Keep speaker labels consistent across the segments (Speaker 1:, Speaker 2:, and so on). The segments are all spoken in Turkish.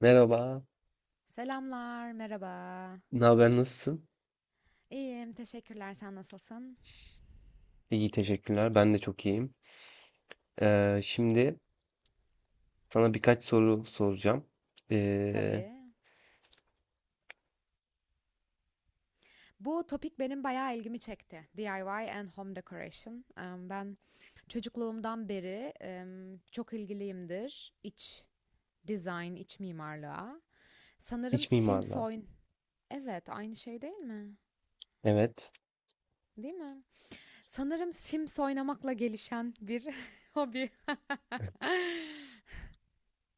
Speaker 1: Merhaba,
Speaker 2: Selamlar, merhaba.
Speaker 1: ne haber, nasılsın?
Speaker 2: İyiyim, teşekkürler. Sen nasılsın?
Speaker 1: İyi, teşekkürler. Ben de çok iyiyim. Şimdi sana birkaç soru soracağım. Ee,
Speaker 2: Tabii. Bu topik benim bayağı ilgimi çekti. DIY and home decoration. Ben çocukluğumdan beri çok ilgiliyimdir. İç design, iç mimarlığa. Sanırım
Speaker 1: iç
Speaker 2: Sims
Speaker 1: mimarlığa.
Speaker 2: oyn... Evet, aynı şey değil mi?
Speaker 1: Evet.
Speaker 2: Değil mi? Sanırım Sims oynamakla gelişen bir hobi.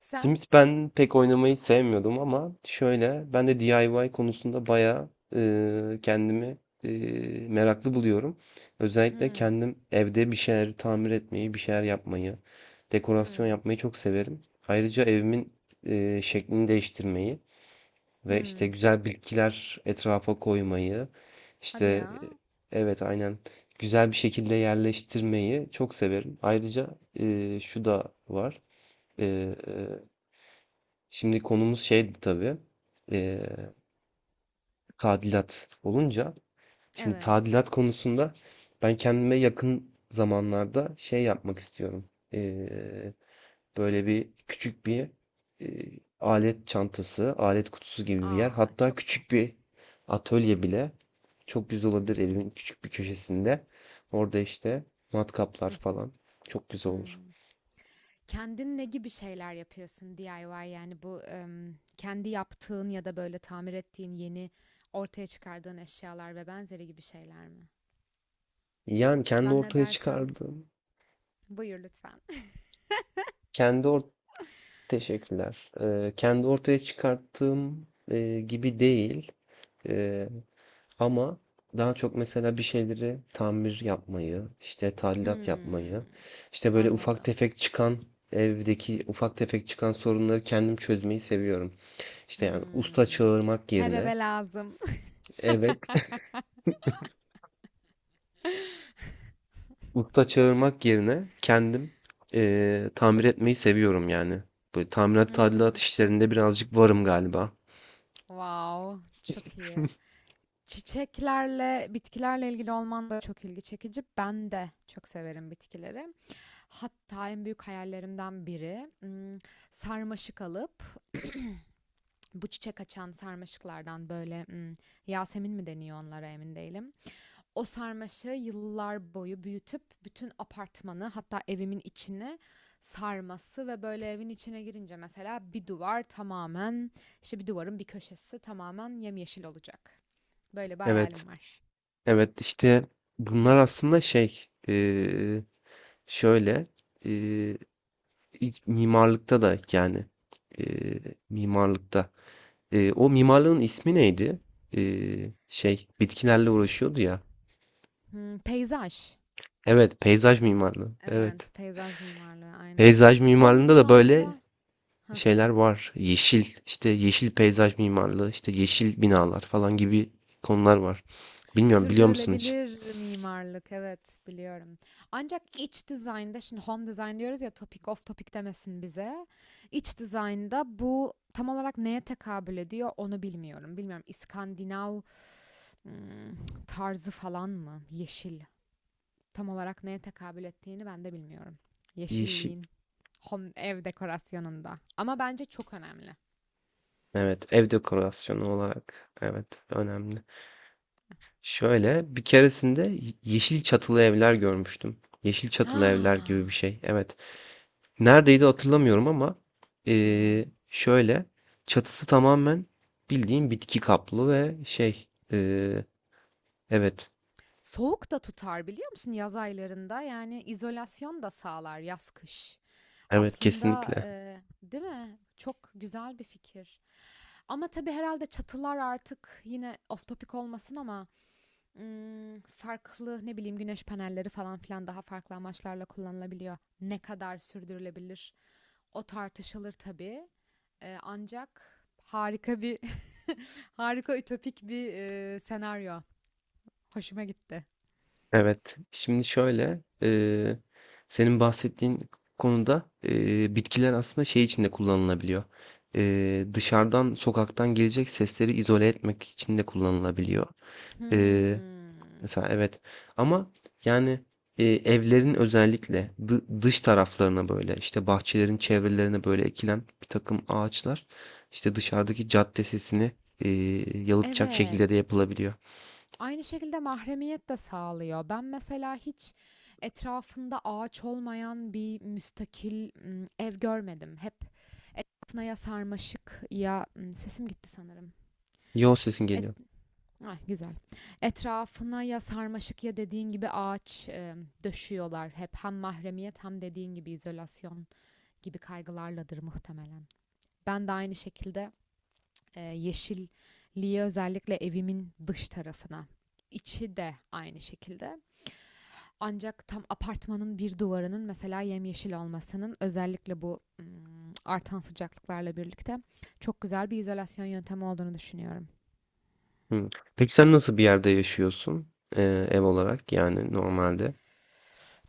Speaker 2: Sen?
Speaker 1: Şimdi ben pek oynamayı sevmiyordum ama şöyle, ben de DIY konusunda bayağı kendimi e, meraklı buluyorum. Özellikle
Speaker 2: Hmm,
Speaker 1: kendim evde bir şeyler tamir etmeyi, bir şeyler yapmayı, dekorasyon
Speaker 2: hmm,
Speaker 1: yapmayı çok severim. Ayrıca evimin şeklini değiştirmeyi. Ve işte
Speaker 2: hmm.
Speaker 1: güzel bitkiler etrafa koymayı,
Speaker 2: Hadi
Speaker 1: işte
Speaker 2: ya.
Speaker 1: evet aynen güzel bir şekilde yerleştirmeyi çok severim. Ayrıca şu da var. E, e, Şimdi konumuz şeydi tabii. E, Tadilat olunca. Şimdi
Speaker 2: Evet.
Speaker 1: tadilat konusunda ben kendime yakın zamanlarda şey yapmak istiyorum. Böyle küçük bir alet çantası, alet kutusu gibi bir yer.
Speaker 2: Aa,
Speaker 1: Hatta
Speaker 2: çok
Speaker 1: küçük
Speaker 2: tatlı.
Speaker 1: bir atölye bile çok güzel
Speaker 2: Hı
Speaker 1: olabilir
Speaker 2: hı,
Speaker 1: evimin küçük bir köşesinde. Orada işte matkaplar
Speaker 2: hı hı,
Speaker 1: falan çok güzel
Speaker 2: hı.
Speaker 1: olur.
Speaker 2: Kendin ne gibi şeyler yapıyorsun DIY yani bu kendi yaptığın ya da böyle tamir ettiğin yeni ortaya çıkardığın eşyalar ve benzeri gibi şeyler mi?
Speaker 1: Yani kendi ortaya
Speaker 2: Zannedersem
Speaker 1: çıkardığım,
Speaker 2: buyur lütfen.
Speaker 1: kendi or teşekkürler. Kendi ortaya çıkarttığım gibi değil. Eee Ama daha çok mesela bir şeyleri tamir yapmayı, işte tadilat
Speaker 2: Hmm,
Speaker 1: yapmayı, işte böyle ufak
Speaker 2: anladım.
Speaker 1: tefek çıkan evdeki ufak tefek çıkan sorunları kendim çözmeyi seviyorum. İşte yani usta
Speaker 2: Hmm,
Speaker 1: çağırmak
Speaker 2: her
Speaker 1: yerine,
Speaker 2: eve lazım.
Speaker 1: evet, usta çağırmak yerine kendim tamir etmeyi seviyorum yani. Böyle tamirat
Speaker 2: Hmm,
Speaker 1: tadilat
Speaker 2: çok
Speaker 1: işlerinde
Speaker 2: güzel.
Speaker 1: birazcık varım galiba.
Speaker 2: Wow, çok iyi. Çiçeklerle, bitkilerle ilgili olman da çok ilgi çekici. Ben de çok severim bitkileri. Hatta en büyük hayallerimden biri sarmaşık alıp bu çiçek açan sarmaşıklardan böyle Yasemin mi deniyor onlara emin değilim. O sarmaşığı yıllar boyu büyütüp bütün apartmanı hatta evimin içini sarması ve böyle evin içine girince mesela bir duvar tamamen işte bir duvarın bir köşesi tamamen yemyeşil olacak. Böyle bir
Speaker 1: Evet,
Speaker 2: hayalim var.
Speaker 1: evet işte bunlar aslında şey, şöyle. Eee, İlk mimarlıkta da yani e, mimarlıkta. O mimarlığın ismi neydi? Şey bitkilerle uğraşıyordu ya.
Speaker 2: Hmm, peyzaj.
Speaker 1: Evet, peyzaj mimarlığı. Evet.
Speaker 2: Evet, peyzaj mimarlığı aynen.
Speaker 1: Peyzaj
Speaker 2: Home
Speaker 1: mimarlığında da böyle
Speaker 2: design'da. Hı
Speaker 1: şeyler
Speaker 2: hı.
Speaker 1: var. Yeşil, işte yeşil peyzaj mimarlığı, işte yeşil binalar falan gibi konular var. Bilmiyorum biliyor musun hiç?
Speaker 2: Sürdürülebilir mimarlık, evet, biliyorum. Ancak iç dizaynda şimdi home design diyoruz ya topic of topic demesin bize. İç dizaynda bu tam olarak neye tekabül ediyor onu bilmiyorum. Bilmiyorum, İskandinav hmm, tarzı falan mı? Yeşil. Tam olarak neye tekabül ettiğini ben de bilmiyorum.
Speaker 1: Yeşil.
Speaker 2: Yeşilliğin home ev dekorasyonunda. Ama bence çok önemli.
Speaker 1: Evet, ev dekorasyonu olarak. Evet, önemli. Şöyle, bir keresinde yeşil çatılı evler görmüştüm. Yeşil çatılı evler gibi bir
Speaker 2: Ah,
Speaker 1: şey. Evet. Neredeydi
Speaker 2: çok güzel.
Speaker 1: hatırlamıyorum ama
Speaker 2: Wow.
Speaker 1: şöyle çatısı tamamen bildiğin bitki kaplı ve evet.
Speaker 2: Soğuk da tutar biliyor musun yaz aylarında? Yani izolasyon da sağlar, yaz kış.
Speaker 1: Evet
Speaker 2: Aslında
Speaker 1: kesinlikle.
Speaker 2: değil mi? Çok güzel bir fikir. Ama tabii herhalde çatılar artık yine off topic olmasın ama farklı, ne bileyim, güneş panelleri falan filan daha farklı amaçlarla kullanılabiliyor. Ne kadar sürdürülebilir? O tartışılır tabii. Ancak harika bir harika ütopik bir senaryo. Hoşuma gitti.
Speaker 1: Evet. Şimdi şöyle senin bahsettiğin konuda bitkiler aslında şey için de kullanılabiliyor. Dışarıdan sokaktan gelecek sesleri izole etmek için de kullanılabiliyor. Eee
Speaker 2: Hmm.
Speaker 1: Mesela evet ama yani evlerin özellikle dış taraflarına böyle işte bahçelerin çevrelerine böyle ekilen bir takım ağaçlar işte dışarıdaki cadde sesini e, yalıtacak şekilde de
Speaker 2: Evet.
Speaker 1: yapılabiliyor.
Speaker 2: Aynı şekilde mahremiyet de sağlıyor. Ben mesela hiç etrafında ağaç olmayan bir müstakil ev görmedim. Hep etrafına ya sarmaşık ya sesim gitti sanırım.
Speaker 1: Yol sesin
Speaker 2: Et,
Speaker 1: geliyor.
Speaker 2: ay, güzel. Etrafına ya sarmaşık ya dediğin gibi ağaç döşüyorlar hep. Hem mahremiyet hem dediğin gibi izolasyon gibi kaygılarladır muhtemelen. Ben de aynı şekilde yeşilliği özellikle evimin dış tarafına. İçi de aynı şekilde. Ancak tam apartmanın bir duvarının mesela yemyeşil olmasının özellikle bu artan sıcaklıklarla birlikte çok güzel bir izolasyon yöntemi olduğunu düşünüyorum.
Speaker 1: Hı. Peki sen nasıl bir yerde yaşıyorsun e, ev olarak yani normalde?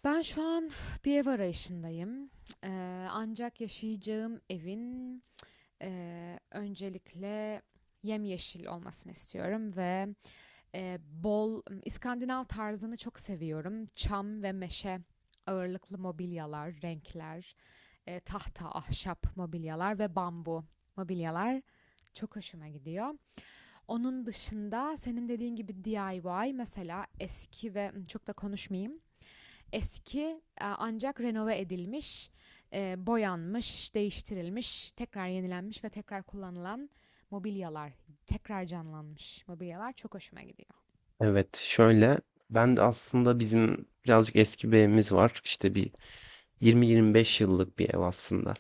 Speaker 2: Ben şu an bir ev arayışındayım. Ancak yaşayacağım evin öncelikle yemyeşil olmasını istiyorum ve bol İskandinav tarzını çok seviyorum. Çam ve meşe ağırlıklı mobilyalar, renkler, tahta, ahşap mobilyalar ve bambu mobilyalar çok hoşuma gidiyor. Onun dışında senin dediğin gibi DIY, mesela eski ve çok da konuşmayayım. Eski ancak renove edilmiş, boyanmış, değiştirilmiş, tekrar yenilenmiş ve tekrar kullanılan mobilyalar, tekrar canlanmış mobilyalar çok hoşuma gidiyor.
Speaker 1: Evet şöyle ben de aslında bizim birazcık eski bir evimiz var işte bir 20-25 yıllık bir ev aslında.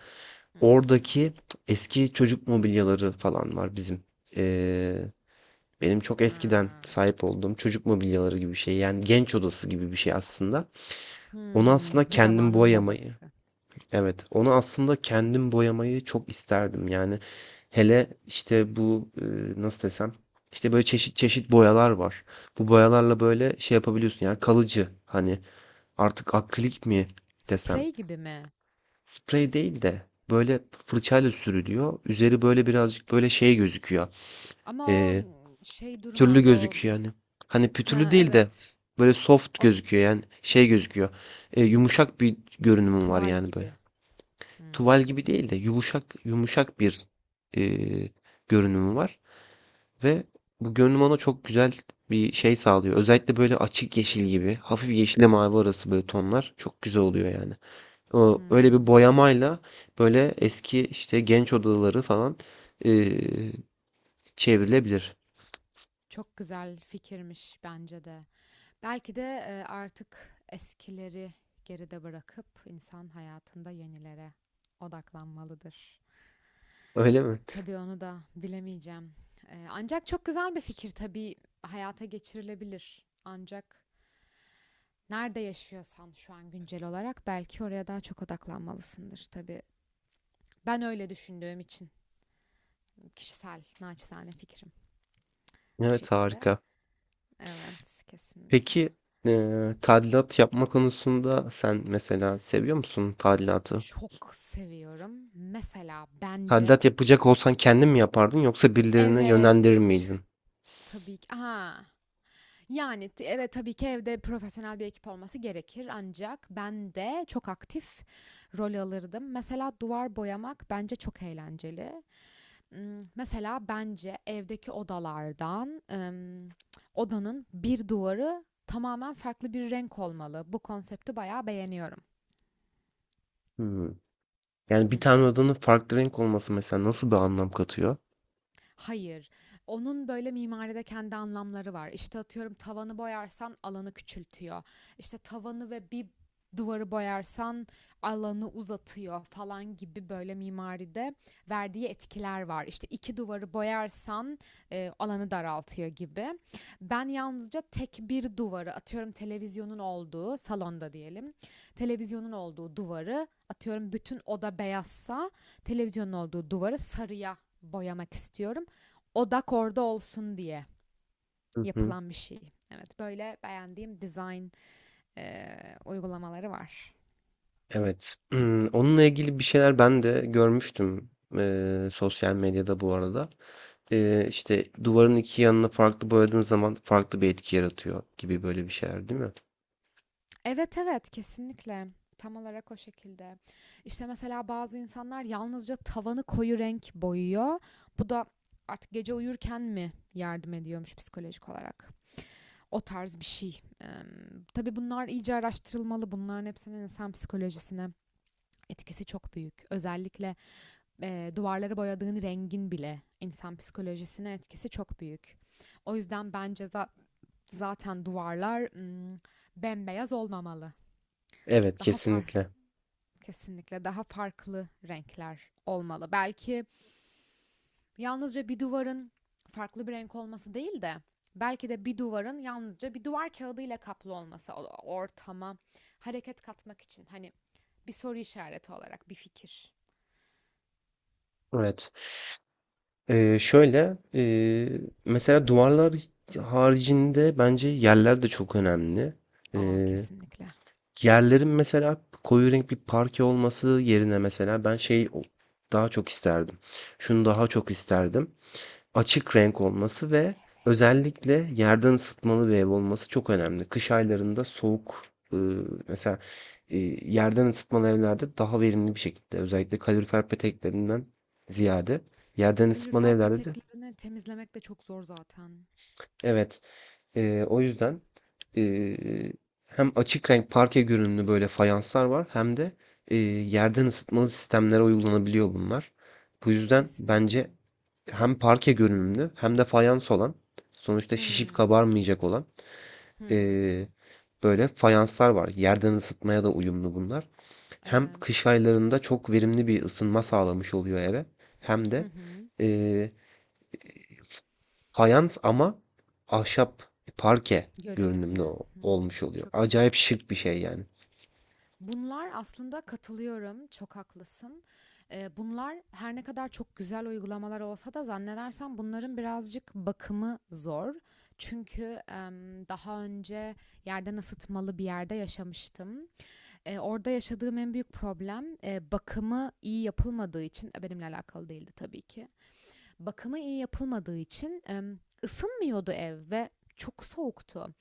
Speaker 2: Hmm.
Speaker 1: Oradaki eski çocuk mobilyaları falan var bizim. Ee, Benim çok eskiden
Speaker 2: Ha,
Speaker 1: sahip olduğum çocuk mobilyaları gibi bir şey. Yani genç odası gibi bir şey aslında. Onu aslında
Speaker 2: bir
Speaker 1: kendim
Speaker 2: zamanın
Speaker 1: boyamayı,
Speaker 2: modası.
Speaker 1: evet, onu aslında kendim boyamayı çok isterdim. Yani hele işte bu nasıl desem, işte böyle çeşit çeşit boyalar var. Bu boyalarla böyle şey yapabiliyorsun yani kalıcı hani artık akrilik mi desem.
Speaker 2: Sprey gibi mi?
Speaker 1: Sprey değil de böyle fırçayla sürülüyor. Üzeri böyle birazcık böyle şey gözüküyor.
Speaker 2: Ama o
Speaker 1: Eee,
Speaker 2: şey
Speaker 1: Pütürlü
Speaker 2: durmaz. O
Speaker 1: gözüküyor yani. Hani pütürlü
Speaker 2: ha,
Speaker 1: değil de
Speaker 2: evet.
Speaker 1: böyle soft
Speaker 2: O
Speaker 1: gözüküyor yani şey gözüküyor. Yumuşak bir görünümü var
Speaker 2: tuval
Speaker 1: yani böyle.
Speaker 2: gibi.
Speaker 1: Tuval
Speaker 2: Hmm,
Speaker 1: gibi değil de yumuşak yumuşak bir eee görünümü var ve bu görünüm ona çok güzel bir şey sağlıyor. Özellikle böyle açık yeşil gibi, hafif yeşille mavi arası böyle tonlar çok güzel oluyor yani. O öyle bir
Speaker 2: hmm.
Speaker 1: boyamayla böyle eski işte genç odaları falan, eee, çevrilebilir.
Speaker 2: Çok güzel fikirmiş bence de. Belki de artık eskileri geride bırakıp insan hayatında yenilere odaklanmalıdır.
Speaker 1: Öyle mi?
Speaker 2: Tabii onu da bilemeyeceğim. Ancak çok güzel bir fikir, tabii hayata geçirilebilir. Ancak nerede yaşıyorsan şu an güncel olarak belki oraya daha çok odaklanmalısındır tabii. Ben öyle düşündüğüm için kişisel naçizane fikrim bu
Speaker 1: Evet,
Speaker 2: şekilde.
Speaker 1: harika.
Speaker 2: Evet, kesinlikle.
Speaker 1: Peki, tadilat yapma konusunda sen mesela seviyor musun tadilatı?
Speaker 2: Çok seviyorum. Mesela bence,
Speaker 1: Tadilat yapacak olsan kendin mi yapardın yoksa birilerini yönlendirir
Speaker 2: evet, ç-
Speaker 1: miydin?
Speaker 2: tabii ki. Aha. Yani evet, tabii ki evde profesyonel bir ekip olması gerekir, ancak ben de çok aktif rol alırdım. Mesela duvar boyamak bence çok eğlenceli. Mesela bence evdeki odalardan, odanın bir duvarı tamamen farklı bir renk olmalı. Bu konsepti bayağı beğeniyorum.
Speaker 1: Hımm. Yani bir tane odanın farklı renk olması mesela nasıl bir anlam katıyor?
Speaker 2: Hayır. Onun böyle mimaride kendi anlamları var. İşte atıyorum, tavanı boyarsan alanı küçültüyor. İşte tavanı ve bir duvarı boyarsan alanı uzatıyor falan gibi böyle mimaride verdiği etkiler var. İşte iki duvarı boyarsan alanı daraltıyor gibi. Ben yalnızca tek bir duvarı, atıyorum televizyonun olduğu salonda diyelim. Televizyonun olduğu duvarı, atıyorum bütün oda beyazsa televizyonun olduğu duvarı sarıya boyamak istiyorum, odak orada olsun diye
Speaker 1: Hı hı.
Speaker 2: yapılan bir şey. Evet, böyle beğendiğim design uygulamaları var.
Speaker 1: Evet. Onunla ilgili bir şeyler ben de görmüştüm, sosyal medyada bu arada. İşte, duvarın 2 yanına farklı boyadığın zaman farklı bir etki yaratıyor gibi böyle bir şeyler, değil mi?
Speaker 2: Evet, evet, kesinlikle. Tam olarak o şekilde. İşte mesela bazı insanlar yalnızca tavanı koyu renk boyuyor. Bu da artık gece uyurken mi yardım ediyormuş psikolojik olarak? O tarz bir şey. Tabii bunlar iyice araştırılmalı. Bunların hepsinin insan psikolojisine etkisi çok büyük. Özellikle duvarları boyadığın rengin bile insan psikolojisine etkisi çok büyük. O yüzden bence zaten duvarlar bembeyaz olmamalı.
Speaker 1: Evet,
Speaker 2: Daha far
Speaker 1: kesinlikle.
Speaker 2: kesinlikle daha farklı renkler olmalı. Belki yalnızca bir duvarın farklı bir renk olması değil de belki de bir duvarın yalnızca bir duvar kağıdıyla kaplı olması, ortama hareket katmak için, hani bir soru işareti olarak bir fikir.
Speaker 1: Evet. Mesela duvarlar haricinde bence yerler de çok önemli.
Speaker 2: Aa,
Speaker 1: Eee,
Speaker 2: kesinlikle.
Speaker 1: Yerlerin mesela koyu renk bir parke olması yerine mesela ben daha çok isterdim. Şunu daha çok isterdim. Açık renk olması ve
Speaker 2: Evet.
Speaker 1: özellikle yerden ısıtmalı bir ev olması çok önemli. Kış aylarında soğuk eee, mesela yerden ısıtmalı evlerde daha verimli bir şekilde özellikle kalorifer peteklerinden ziyade yerden ısıtmalı
Speaker 2: Kalorifer
Speaker 1: evlerde de
Speaker 2: peteklerini temizlemek de çok zor zaten.
Speaker 1: Evet. O yüzden eee, hem açık renk parke görünümlü böyle fayanslar var hem de yerden ısıtmalı sistemlere uygulanabiliyor bunlar. Bu yüzden
Speaker 2: Kesinlikle.
Speaker 1: bence hem parke görünümlü hem de fayans olan sonuçta şişip
Speaker 2: Hmm.
Speaker 1: kabarmayacak olan eee,
Speaker 2: Hmm.
Speaker 1: böyle fayanslar var. Yerden ısıtmaya da uyumlu bunlar. Hem
Speaker 2: Evet.
Speaker 1: kış aylarında çok verimli bir ısınma sağlamış oluyor eve hem
Speaker 2: Hı
Speaker 1: de
Speaker 2: hı.
Speaker 1: fayans ama ahşap parke görünümlü
Speaker 2: Görünümlü. Hmm.
Speaker 1: olmuş oluyor.
Speaker 2: Çok
Speaker 1: Acayip
Speaker 2: iyi.
Speaker 1: şık bir şey yani.
Speaker 2: Bunlar aslında katılıyorum. Çok haklısın. Bunlar her ne kadar çok güzel uygulamalar olsa da zannedersem bunların birazcık bakımı zor. Çünkü daha önce yerden ısıtmalı bir yerde yaşamıştım. Orada yaşadığım en büyük problem, bakımı iyi yapılmadığı için, benimle alakalı değildi tabii ki. Bakımı iyi yapılmadığı için, ısınmıyordu ev ve çok soğuktu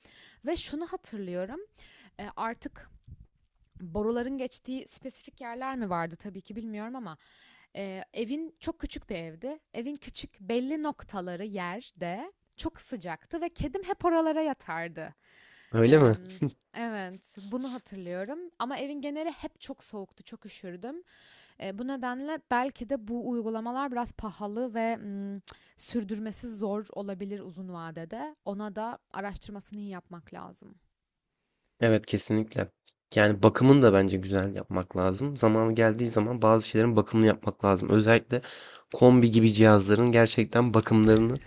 Speaker 2: ve şunu hatırlıyorum, artık boruların geçtiği spesifik yerler mi vardı tabii ki bilmiyorum ama, evin çok küçük bir evdi. Evin küçük belli noktaları, yerde çok sıcaktı ve kedim hep oralara yatardı.
Speaker 1: Öyle mi?
Speaker 2: Emm, evet, bunu hatırlıyorum ama evin geneli hep çok soğuktu, çok üşürdüm. Bu nedenle belki de bu uygulamalar biraz pahalı ve, sürdürmesi zor olabilir uzun vadede. Ona da araştırmasını iyi yapmak lazım.
Speaker 1: Evet kesinlikle. Yani bakımını da bence güzel yapmak lazım. Zamanı geldiği zaman
Speaker 2: Evet,
Speaker 1: bazı şeylerin bakımını yapmak lazım. Özellikle kombi gibi cihazların gerçekten bakımlarını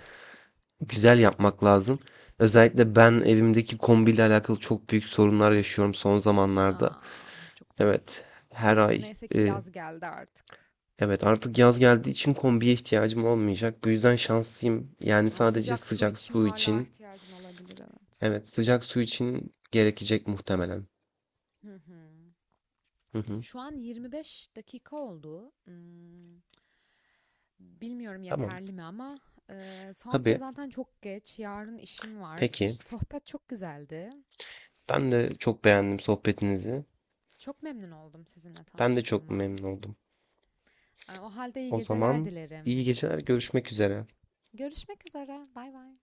Speaker 1: güzel yapmak lazım. Özellikle
Speaker 2: kesinlikle,
Speaker 1: ben
Speaker 2: evet.
Speaker 1: evimdeki kombiyle alakalı çok büyük sorunlar yaşıyorum son zamanlarda.
Speaker 2: A! Çok
Speaker 1: Evet,
Speaker 2: tatsız.
Speaker 1: her ay
Speaker 2: Neyse ki yaz geldi artık.
Speaker 1: evet, artık yaz geldiği için kombiye ihtiyacım olmayacak. Bu yüzden şanslıyım. Yani
Speaker 2: Ama
Speaker 1: sadece
Speaker 2: sıcak su
Speaker 1: sıcak
Speaker 2: için
Speaker 1: su
Speaker 2: hala
Speaker 1: için.
Speaker 2: ihtiyacın olabilir, evet.
Speaker 1: Evet, sıcak su için gerekecek muhtemelen.
Speaker 2: Hı hı.
Speaker 1: Hı hı.
Speaker 2: Şu an 25 dakika oldu. Bilmiyorum
Speaker 1: Tamam.
Speaker 2: yeterli mi ama saat de
Speaker 1: Tabii.
Speaker 2: zaten çok geç. Yarın işim var.
Speaker 1: Peki.
Speaker 2: Keş sohbet çok güzeldi.
Speaker 1: Ben de çok beğendim sohbetinizi.
Speaker 2: Çok memnun oldum sizinle
Speaker 1: Ben de çok
Speaker 2: tanıştığıma.
Speaker 1: memnun oldum.
Speaker 2: O halde iyi
Speaker 1: O
Speaker 2: geceler
Speaker 1: zaman iyi
Speaker 2: dilerim.
Speaker 1: geceler, görüşmek üzere.
Speaker 2: Görüşmek üzere. Bay bay.